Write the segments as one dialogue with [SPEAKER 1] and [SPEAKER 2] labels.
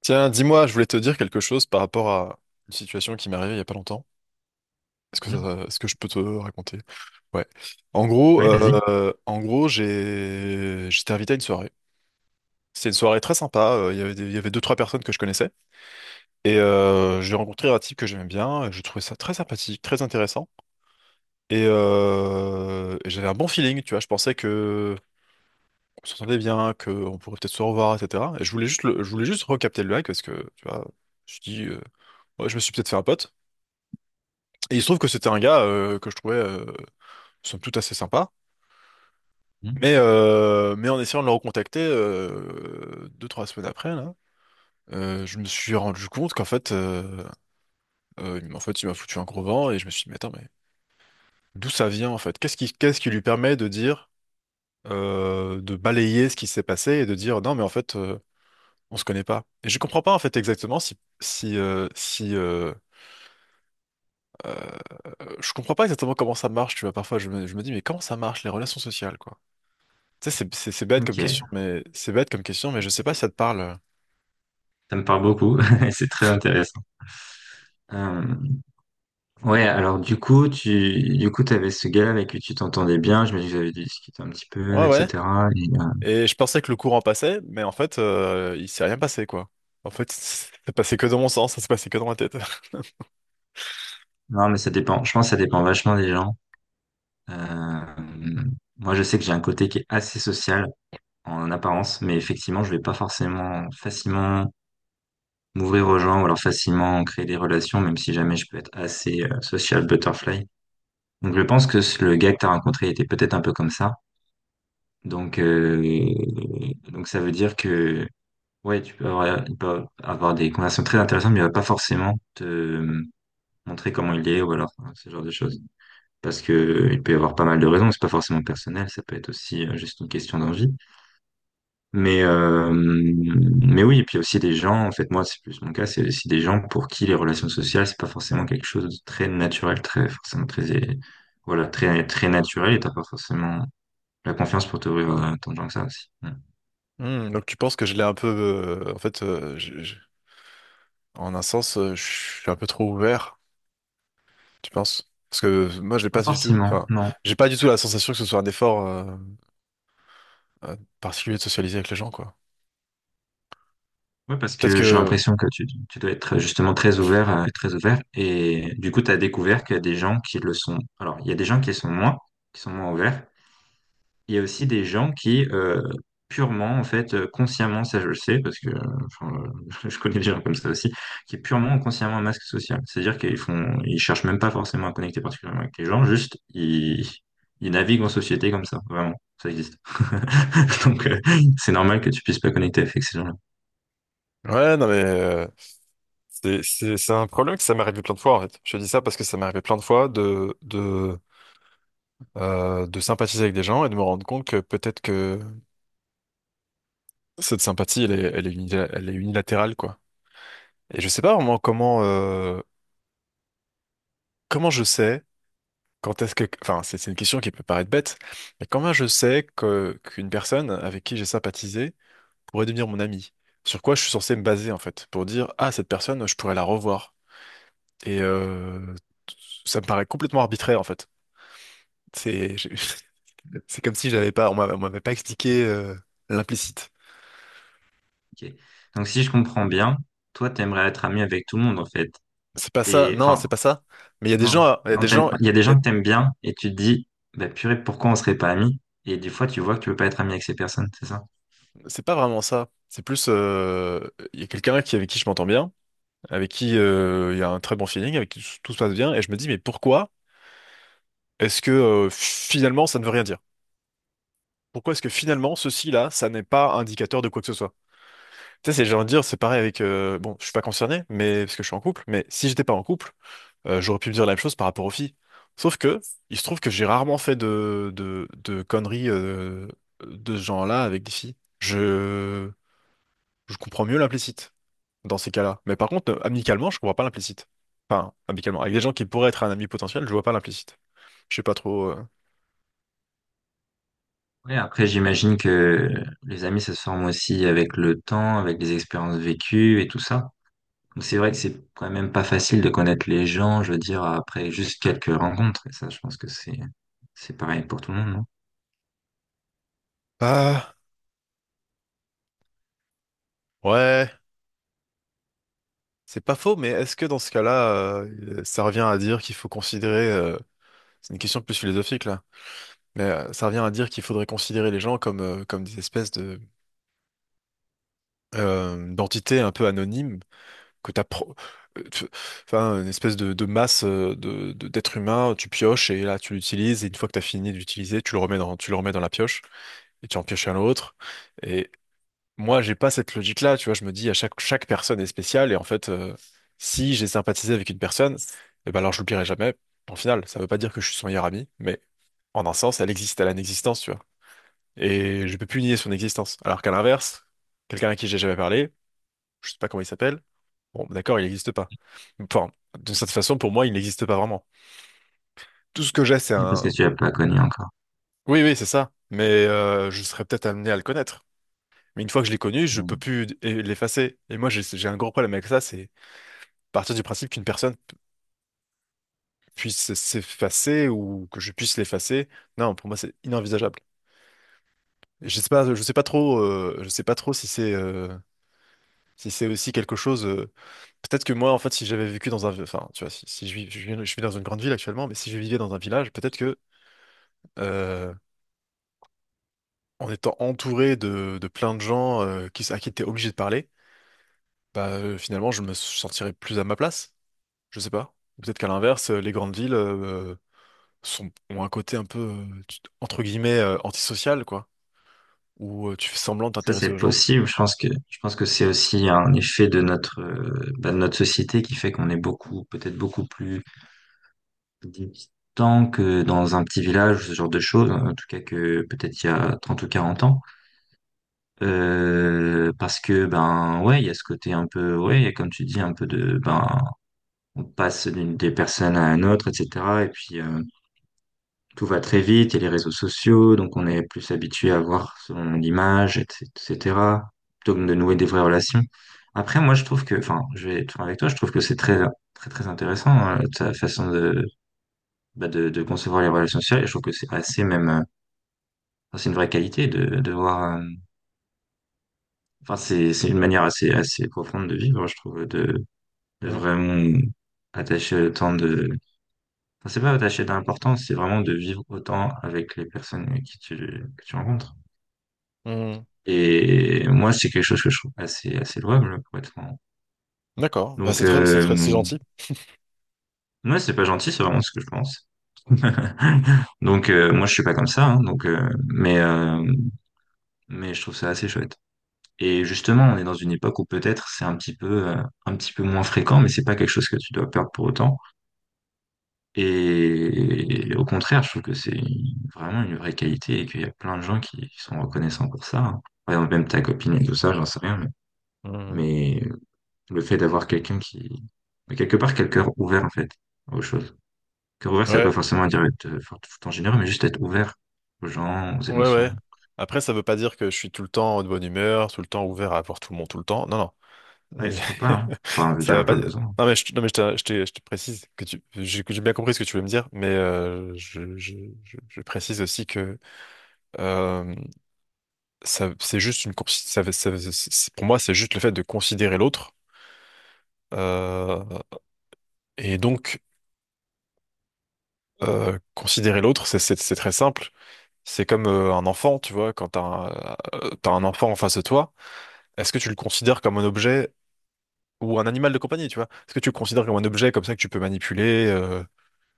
[SPEAKER 1] Tiens, dis-moi, je voulais te dire quelque chose par rapport à une situation qui m'est arrivée il y a pas longtemps. Est-ce que
[SPEAKER 2] Mmh.
[SPEAKER 1] ça, est-ce que je peux te raconter? Ouais.
[SPEAKER 2] Oui, vas-y.
[SPEAKER 1] En gros, j'étais invité à une soirée. C'était une soirée très sympa. Il y avait il y avait deux, trois personnes que je connaissais. Et j'ai rencontré un type que j'aimais bien, et je trouvais ça très sympathique, très intéressant. Et j'avais un bon feeling, tu vois. Je pensais que on s'entendait bien, qu'on pourrait peut-être se revoir, etc. Et je voulais juste recapter le mec parce que, tu vois, je dis, euh, ouais, je me suis peut-être fait un pote. Et il se trouve que c'était un gars que je trouvais somme toute assez sympa.
[SPEAKER 2] Mmh.
[SPEAKER 1] Mais en essayant de le recontacter deux, trois semaines après, là, je me suis rendu compte qu'en fait, il m'a foutu un gros vent et je me suis dit, mais attends, mais d'où ça vient en fait? Qu'est-ce qui lui permet de dire, de balayer ce qui s'est passé et de dire, non, mais en fait, on se connaît pas. Et je comprends pas en fait exactement si euh, je comprends pas exactement comment ça marche, tu vois. Parfois, je me dis, mais comment ça marche les relations sociales, quoi? Tu sais, c'est bête comme
[SPEAKER 2] Ok,
[SPEAKER 1] question, mais c'est bête comme question, mais je sais pas si ça te parle.
[SPEAKER 2] ça me parle beaucoup, c'est très intéressant. Euh, ouais, alors du coup, t'avais ce gars avec qui tu t'entendais bien, j'imagine que vous avez discuté un petit peu,
[SPEAKER 1] Ouais, ouais.
[SPEAKER 2] etc. Et,
[SPEAKER 1] Et je pensais que le courant passait, mais en fait, il s'est rien passé, quoi. En fait, c'est passé que dans mon sens, ça s'est passé que dans ma tête.
[SPEAKER 2] non, mais ça dépend, je pense que ça dépend vachement des gens. Euh, moi, je sais que j'ai un côté qui est assez social en apparence, mais effectivement, je vais pas forcément facilement m'ouvrir aux gens ou alors facilement créer des relations, même si jamais je peux être assez social butterfly. Donc, je pense que le gars que t'as rencontré était peut-être un peu comme ça. Donc, euh, donc, ça veut dire que ouais, tu peux avoir, il peut avoir des conversations très intéressantes, mais il va pas forcément te montrer comment il est ou alors hein, ce genre de choses. Parce que il peut y avoir pas mal de raisons, c'est pas forcément personnel, ça peut être aussi juste une question d'envie. Mais oui, et puis aussi des gens, en fait moi c'est plus mon cas, c'est aussi des gens pour qui les relations sociales c'est pas forcément quelque chose de très naturel, très forcément très voilà très très naturel et t'as pas forcément la confiance pour t'ouvrir à tant de gens que ça aussi. Hmm.
[SPEAKER 1] Hmm, donc tu penses que je l'ai un peu, en fait, en un sens, je suis un peu trop ouvert, tu penses? Parce que moi, j'ai
[SPEAKER 2] Pas
[SPEAKER 1] pas du tout,
[SPEAKER 2] forcément,
[SPEAKER 1] enfin,
[SPEAKER 2] non.
[SPEAKER 1] j'ai pas du tout la sensation que ce soit un effort euh, particulier de socialiser avec les gens, quoi.
[SPEAKER 2] Ouais, parce
[SPEAKER 1] Peut-être
[SPEAKER 2] que j'ai
[SPEAKER 1] que,
[SPEAKER 2] l'impression que tu dois être justement très ouvert, très ouvert. Et du coup, tu as découvert qu'il y a des gens qui le sont. Alors, il y a des gens qui sont moins ouverts. Il y a aussi des gens qui, purement, en fait, consciemment, ça je le sais, parce que enfin, je connais des gens comme ça aussi, qui purement ont consciemment un masque social. C'est-à-dire qu'ils font, ils cherchent même pas forcément à connecter particulièrement avec les gens, juste ils naviguent en société comme ça, vraiment. Ça existe. Donc, c'est normal que tu puisses pas connecter avec ces gens-là.
[SPEAKER 1] ouais, non mais, c'est, c'est un problème que ça m'est arrivé plein de fois en fait. Je te dis ça parce que ça m'est arrivé plein de fois de sympathiser avec des gens et de me rendre compte que peut-être que cette sympathie elle est unilatérale quoi. Et je sais pas vraiment comment, comment je sais quand est-ce que, enfin c'est une question qui peut paraître bête, mais comment je sais que, qu'une personne avec qui j'ai sympathisé pourrait devenir mon ami? Sur quoi je suis censé me baser en fait pour dire ah cette personne je pourrais la revoir. Et ça me paraît complètement arbitraire en fait. C'est je- c'est comme si j'avais pas, on m'avait pas expliqué l'implicite.
[SPEAKER 2] Ok. Donc, si je comprends bien, toi, t'aimerais être ami avec tout le monde, en fait.
[SPEAKER 1] C'est pas ça,
[SPEAKER 2] Et,
[SPEAKER 1] non,
[SPEAKER 2] enfin,
[SPEAKER 1] c'est pas ça. Mais il y a des
[SPEAKER 2] non.
[SPEAKER 1] gens, il y a
[SPEAKER 2] Non,
[SPEAKER 1] des gens,
[SPEAKER 2] il y a des
[SPEAKER 1] il y
[SPEAKER 2] gens
[SPEAKER 1] a-
[SPEAKER 2] que t'aimes bien et tu te dis, bah, purée, pourquoi on serait pas amis? Et des fois, tu vois que tu veux pas être ami avec ces personnes, c'est ça?
[SPEAKER 1] c'est pas vraiment ça. C'est plus, il y a quelqu'un qui avec qui je m'entends bien, avec qui il y a un très bon feeling, avec qui tout se passe bien, et je me dis, mais pourquoi est-ce que finalement ça ne veut rien dire? Pourquoi est-ce que finalement ceci-là, ça n'est pas indicateur de quoi que ce soit? Tu sais, c'est genre de dire, c'est pareil avec, bon, je suis pas concerné, mais parce que je suis en couple, mais si j'étais pas en couple, j'aurais pu me dire la même chose par rapport aux filles. Sauf que, il se trouve que j'ai rarement fait de conneries de ce genre-là avec des filles. Je comprends mieux l'implicite dans ces cas-là. Mais par contre, amicalement, je comprends pas l'implicite. Enfin, amicalement. Avec des gens qui pourraient être un ami potentiel, je vois pas l'implicite. Je sais pas trop.
[SPEAKER 2] Ouais, après, j'imagine que les amis, ça se forme aussi avec le temps, avec les expériences vécues et tout ça. Donc, c'est vrai que c'est quand même pas facile de connaître les gens, je veux dire, après juste quelques rencontres. Et ça, je pense que c'est pareil pour tout le monde, non?
[SPEAKER 1] Ah, ouais, c'est pas faux, mais est-ce que dans ce cas-là, ça revient à dire qu'il faut considérer. C'est une question plus philosophique là. Mais ça revient à dire qu'il faudrait considérer les gens comme, comme des espèces de d'entités un peu anonymes que t'as pro- tu- enfin une espèce de masse d'êtres humains tu pioches et là tu l'utilises et une fois que tu as fini de l'utiliser tu le remets dans la pioche et tu en pioches un autre et moi j'ai pas cette logique là tu vois je me dis à chaque chaque personne est spéciale et en fait si j'ai sympathisé avec une personne eh ben alors je l'oublierai jamais en final ça veut pas dire que je suis son meilleur ami mais en un sens elle existe elle a une existence tu vois et je peux plus nier son existence alors qu'à l'inverse quelqu'un à qui j'ai jamais parlé je sais pas comment il s'appelle. Bon, d'accord, il n'existe pas. Enfin, de cette façon, pour moi, il n'existe pas vraiment. Tout ce que j'ai, c'est
[SPEAKER 2] Et parce que
[SPEAKER 1] un...
[SPEAKER 2] tu l'as pas connu encore.
[SPEAKER 1] Oui, oui, c'est ça. Mais je serais peut-être amené à le connaître. Mais une fois que je l'ai connu, je peux plus l'effacer. Et moi, j'ai un gros problème avec ça, c'est partir du principe qu'une personne puisse s'effacer ou que je puisse l'effacer. Non, pour moi, c'est inenvisageable. Je sais pas trop, je sais pas trop si c'est si c'est aussi quelque chose. Peut-être que moi, en fait, si j'avais vécu dans un, enfin, tu vois, si je vis dans une grande ville actuellement, mais si je vivais dans un village, peut-être que euh, en étant entouré de plein de gens à qui tu es obligé de parler, bah, finalement, je me sentirais plus à ma place. Je sais pas. Ou peut-être qu'à l'inverse, les grandes villes ont un côté un peu, entre guillemets, antisocial, quoi, où tu fais semblant de
[SPEAKER 2] Ça, c'est
[SPEAKER 1] t'intéresser aux gens.
[SPEAKER 2] possible. Je pense que c'est aussi un effet de notre société qui fait qu'on est beaucoup, peut-être beaucoup plus distant que dans un petit village, ce genre de choses, en tout cas que peut-être il y a 30 ou 40 ans. Parce que, ben, ouais, il y a ce côté un peu, ouais, il y a, comme tu dis, ben, on passe des personnes à une autre, etc. Et puis, tout va très vite, il y a les réseaux sociaux, donc on est plus habitué à voir son image, etc., plutôt que de nouer des vraies relations. Après, moi, je trouve que, enfin, je vais être franc avec toi, je trouve que c'est très, très, très intéressant, hein, ta façon de, bah, de concevoir les relations sociales, et je trouve que c'est assez même, enfin, c'est une vraie qualité de voir, enfin, c'est une manière assez, assez profonde de vivre, je trouve, de
[SPEAKER 1] Mhm.
[SPEAKER 2] vraiment attacher autant de, enfin, c'est pas attacher d'importance, c'est vraiment de vivre autant avec les personnes que tu rencontres.
[SPEAKER 1] Hmm.
[SPEAKER 2] Et moi, c'est quelque chose que je trouve assez, assez louable, pour être franc.
[SPEAKER 1] D'accord, bah,
[SPEAKER 2] Donc,
[SPEAKER 1] c'est très, c'est très, c'est gentil.
[SPEAKER 2] ouais, c'est pas gentil, c'est vraiment ce que je pense. Donc, moi, je suis pas comme ça, hein, donc, mais je trouve ça assez chouette. Et justement, on est dans une époque où peut-être c'est un petit peu moins fréquent, mais c'est pas quelque chose que tu dois perdre pour autant. Et, au contraire, je trouve que c'est vraiment une vraie qualité et qu'il y a plein de gens qui sont reconnaissants pour ça, hein. Par exemple, même ta copine et tout ça, j'en sais rien, mais,
[SPEAKER 1] Mhm.
[SPEAKER 2] mais Le fait d'avoir quelqu'un qui... mais quelque part, quel cœur ouvert, en fait, aux choses. Cœur ouvert, ça veut
[SPEAKER 1] Ouais,
[SPEAKER 2] pas forcément dire être tout en généreux, mais juste être ouvert aux gens, aux
[SPEAKER 1] ouais, ouais.
[SPEAKER 2] émotions.
[SPEAKER 1] Après, ça veut pas dire que je suis tout le temps de bonne humeur, tout le temps ouvert à voir tout le monde, tout le temps. Non, non.
[SPEAKER 2] Ouais, il
[SPEAKER 1] Euh,
[SPEAKER 2] faut pas, hein. Enfin, je veux
[SPEAKER 1] Ça va
[SPEAKER 2] dire,
[SPEAKER 1] pas.
[SPEAKER 2] pas besoin.
[SPEAKER 1] Non, je te précise que tu, j'ai que j'ai bien compris ce que tu veux me dire, mais je précise aussi que euh, ça, c'est juste une, consi- ça- c'est- pour moi, c'est juste le fait de considérer l'autre. Euh, et donc, Considérer l'autre, c'est très simple. C'est comme un enfant, tu vois, t'as un enfant en face de toi, est-ce que tu le considères comme un objet ou un animal de compagnie, tu vois? Est-ce que tu le considères comme un objet comme ça que tu peux manipuler?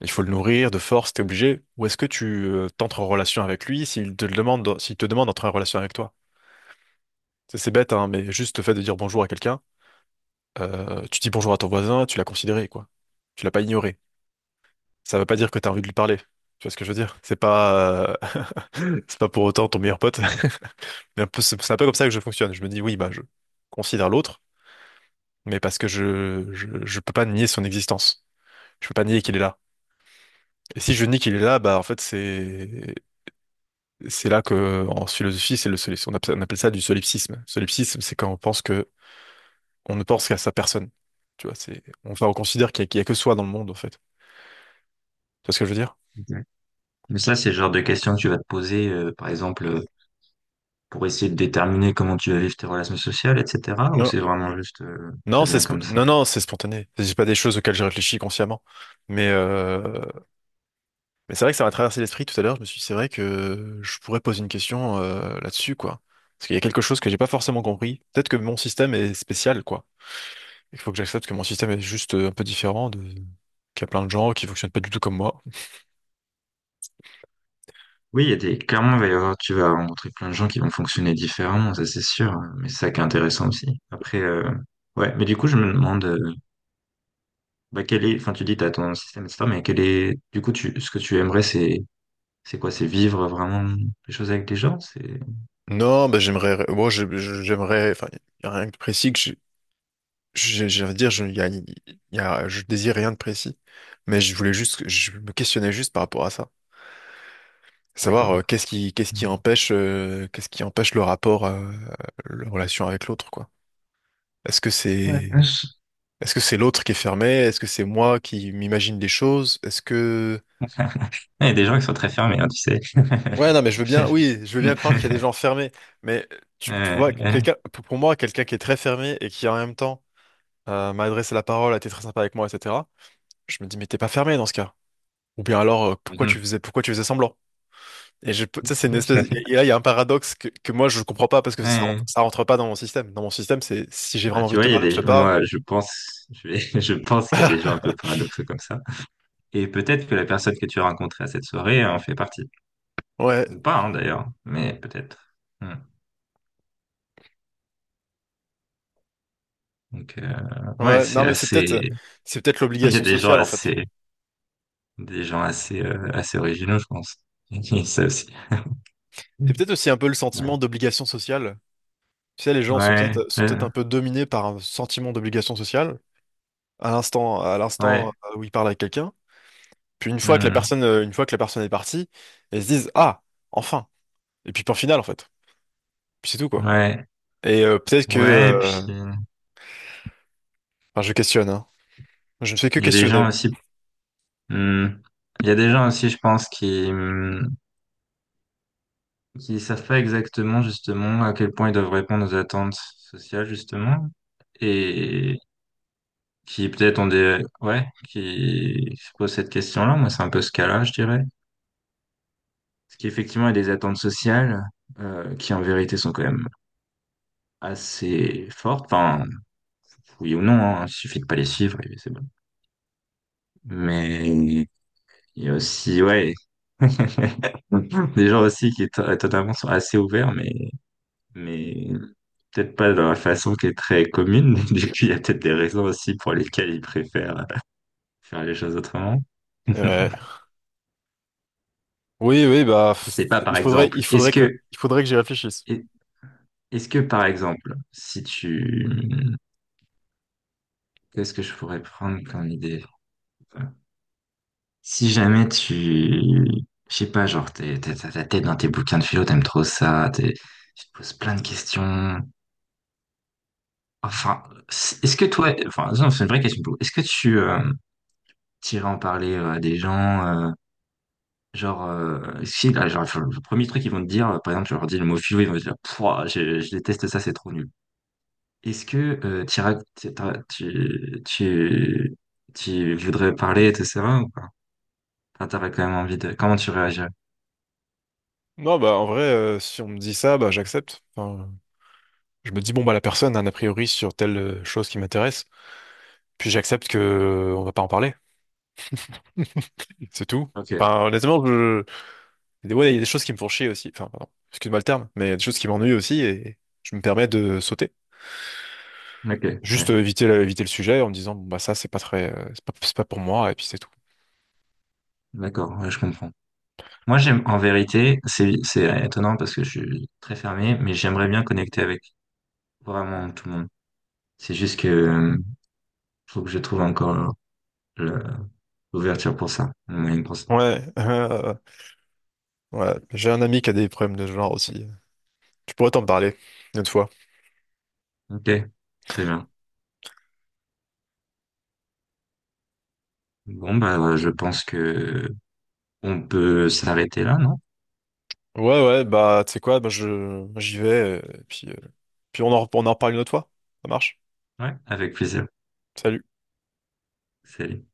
[SPEAKER 1] Il faut le nourrir de force, t'es obligé. Ou est-ce que tu t'entres en relation avec lui s'il te le demande, s'il te demande d'entrer en relation avec toi? C'est bête, hein, mais juste le fait de dire bonjour à quelqu'un, tu dis bonjour à ton voisin, tu l'as considéré, quoi. Tu l'as pas ignoré. Ça veut pas dire que t'as envie de lui parler. Tu vois ce que je veux dire? C'est pas, c'est pas pour autant ton meilleur pote. C'est un peu comme ça que je fonctionne. Je me dis oui, bah je considère l'autre, mais parce que je je peux pas nier son existence. Je peux pas nier qu'il est là. Et si je nie qu'il est là, bah en fait c'est là que, en philosophie, c'est le solipsisme. On appelle ça du solipsisme. Solipsisme, c'est quand on pense que, on ne pense qu'à sa personne. Tu vois, enfin, on considère qu'il y a que soi dans le monde, en fait. Tu vois ce que je veux dire?
[SPEAKER 2] Exact. Mais ça, c'est le genre de questions que tu vas te poser, par exemple, pour essayer de déterminer comment tu vas vivre tes relations sociales, etc. Ou
[SPEAKER 1] Non,
[SPEAKER 2] c'est vraiment juste,
[SPEAKER 1] non,
[SPEAKER 2] ça devient comme ça.
[SPEAKER 1] non, non, c'est spontané. C'est pas des choses auxquelles j'ai réfléchi consciemment. Mais, euh, mais c'est vrai que ça m'a traversé l'esprit tout à l'heure. Je me suis dit, c'est vrai que je pourrais poser une question, là-dessus, quoi. Parce qu'il y a quelque chose que j'ai pas forcément compris. Peut-être que mon système est spécial, quoi. Il faut que j'accepte que mon système est juste un peu différent de, qu'il y a plein de gens qui fonctionnent pas du tout comme moi.
[SPEAKER 2] Oui, il y a des, clairement, il va y avoir, tu vas rencontrer plein de gens qui vont fonctionner différemment, ça c'est sûr, hein, mais c'est ça qui est intéressant aussi. Après, ouais, mais du coup, je me demande, bah, quel est, enfin, tu dis, t'as ton système, etc., mais quel est, du coup, ce que tu aimerais, c'est, quoi? C'est vivre vraiment les choses avec des gens? C'est,
[SPEAKER 1] Non, bah, j'aimerais, moi, je- j'aimerais, enfin, il y a rien de précis que j'ai envie de dire, je, y a, y a- je désire rien de précis, mais je voulais juste, je me questionnais juste par rapport à ça, savoir
[SPEAKER 2] d'accord.
[SPEAKER 1] qu'est-ce qui empêche le rapport, la relation avec l'autre, quoi. Est-ce que
[SPEAKER 2] Ouais,
[SPEAKER 1] c'est,
[SPEAKER 2] je-
[SPEAKER 1] est-ce que c'est l'autre qui est fermé? Est-ce que c'est moi qui m'imagine des choses? Est-ce que.
[SPEAKER 2] Il y a des gens qui sont très fermés, hein, tu sais.
[SPEAKER 1] Ouais, non, mais je veux bien, oui, je veux bien croire qu'il y a des gens fermés, mais tu vois,
[SPEAKER 2] Ouais, ouais.
[SPEAKER 1] quelqu'un, pour moi, quelqu'un qui est très fermé et qui en même temps m'a adressé la parole, a été très sympa avec moi, etc. Je me dis, mais t'es pas fermé dans ce cas. Ou bien alors, pourquoi tu faisais semblant? Et ça, c'est une espèce, et là, il y a un paradoxe que moi, je comprends pas parce que
[SPEAKER 2] Ouais.
[SPEAKER 1] ça rentre pas dans mon système. Dans mon système, c'est si j'ai
[SPEAKER 2] Bah,
[SPEAKER 1] vraiment
[SPEAKER 2] tu
[SPEAKER 1] envie de
[SPEAKER 2] vois,
[SPEAKER 1] te
[SPEAKER 2] il y a
[SPEAKER 1] parler, je te
[SPEAKER 2] des,
[SPEAKER 1] parle.
[SPEAKER 2] moi, je pense, je pense qu'il y a des gens un peu paradoxaux comme ça. Et peut-être que la personne que tu as rencontrée à cette soirée en fait partie.
[SPEAKER 1] Ouais,
[SPEAKER 2] Ou pas, hein, d'ailleurs, mais peut-être. Hmm. Donc, ouais,
[SPEAKER 1] ouais, non,
[SPEAKER 2] c'est
[SPEAKER 1] mais
[SPEAKER 2] assez,
[SPEAKER 1] c'est peut-être
[SPEAKER 2] il y a
[SPEAKER 1] l'obligation
[SPEAKER 2] des gens
[SPEAKER 1] sociale, en fait.
[SPEAKER 2] assez des gens assez, assez originaux, je pense. Ça aussi.
[SPEAKER 1] C'est peut-être aussi un peu le
[SPEAKER 2] Ouais,
[SPEAKER 1] sentiment d'obligation sociale. Tu sais, les gens
[SPEAKER 2] ouais,
[SPEAKER 1] sont peut-être un peu dominés par un sentiment d'obligation sociale à l'instant
[SPEAKER 2] ouais,
[SPEAKER 1] où ils parlent avec quelqu'un. Puis
[SPEAKER 2] hmm,
[SPEAKER 1] une fois que la personne est partie, ils se disent ah enfin. Et puis point final en fait. Puis c'est tout quoi.
[SPEAKER 2] ouais,
[SPEAKER 1] Et peut-être que
[SPEAKER 2] ouais, et puis
[SPEAKER 1] enfin, je questionne, hein. Je ne fais que
[SPEAKER 2] il y a des
[SPEAKER 1] questionner.
[SPEAKER 2] gens aussi, hmm, il y a des gens aussi, je pense, qui savent pas exactement justement à quel point ils doivent répondre aux attentes sociales justement, et qui peut-être ont des, ouais, qui se posent cette question-là. Moi, c'est un peu ce cas-là, je dirais, parce qu'effectivement, il y a des attentes sociales qui en vérité sont quand même assez fortes. Enfin, oui ou non, hein, il suffit de pas les suivre et c'est bon. Mais il y a aussi, ouais, des gens aussi qui totalement sont assez ouverts, mais peut-être pas dans la façon qui est très commune. Du coup, il y a peut-être des raisons aussi pour lesquelles ils préfèrent faire les choses autrement. Je
[SPEAKER 1] Ouais. Oui oui
[SPEAKER 2] sais pas, par exemple,
[SPEAKER 1] il faudrait que j'y réfléchisse.
[SPEAKER 2] est- est-ce que, par exemple, si tu, qu'est-ce que je pourrais prendre comme idée? Enfin, si jamais tu, je sais pas, genre, t'as ta tête dans tes bouquins de philo, t'aimes trop ça, tu te poses plein de questions. Enfin, est-ce que toi, enfin, non, c'est une vraie question. Pour vous. Est-ce que tu t'irais en parler à des gens, genre, si, là, genre, le premier truc qu'ils vont te dire, par exemple, tu leur dis le mot philo, ils vont te dire, Pouah, je déteste ça, c'est trop nul. Est-ce que euh, t'iras- t'iras- tu, tu, tu voudrais parler, etc., ou pas? Enfin, t'aurais quand même envie de, comment tu réagirais?
[SPEAKER 1] Non bah en vrai si on me dit ça bah j'accepte. Enfin, je me dis bon bah la personne a un a priori sur telle chose qui m'intéresse. Puis j'accepte que on va pas en parler. C'est tout.
[SPEAKER 2] Ok,
[SPEAKER 1] Enfin, honnêtement, je... il y a des choses qui me font chier aussi. Enfin, pardon, excuse-moi le terme, mais il y a des choses qui m'ennuient aussi et je me permets de sauter.
[SPEAKER 2] ok,
[SPEAKER 1] Juste
[SPEAKER 2] ouais.
[SPEAKER 1] éviter le sujet en me disant, bon, bah, ça, c'est pas très, c'est pas pour moi, et puis c'est tout.
[SPEAKER 2] D'accord, ouais, je comprends. Moi, j'aime, en vérité, c'est étonnant parce que je suis très fermé, mais j'aimerais bien connecter avec vraiment tout le monde. C'est juste que, faut que je trouve encore le- l'ouverture pour ça, le moyen pour ça.
[SPEAKER 1] Ouais, ouais, j'ai un ami qui a des problèmes de ce genre aussi. Tu pourrais t'en parler une autre fois.
[SPEAKER 2] Ok, très bien. Bon, bah, je pense que on peut s'arrêter là, non?
[SPEAKER 1] Ouais, ouais, bah, tu sais quoi, j'y vais, puis on en reparle une autre fois. Ça marche?
[SPEAKER 2] Ouais, avec plaisir.
[SPEAKER 1] Salut.
[SPEAKER 2] Salut.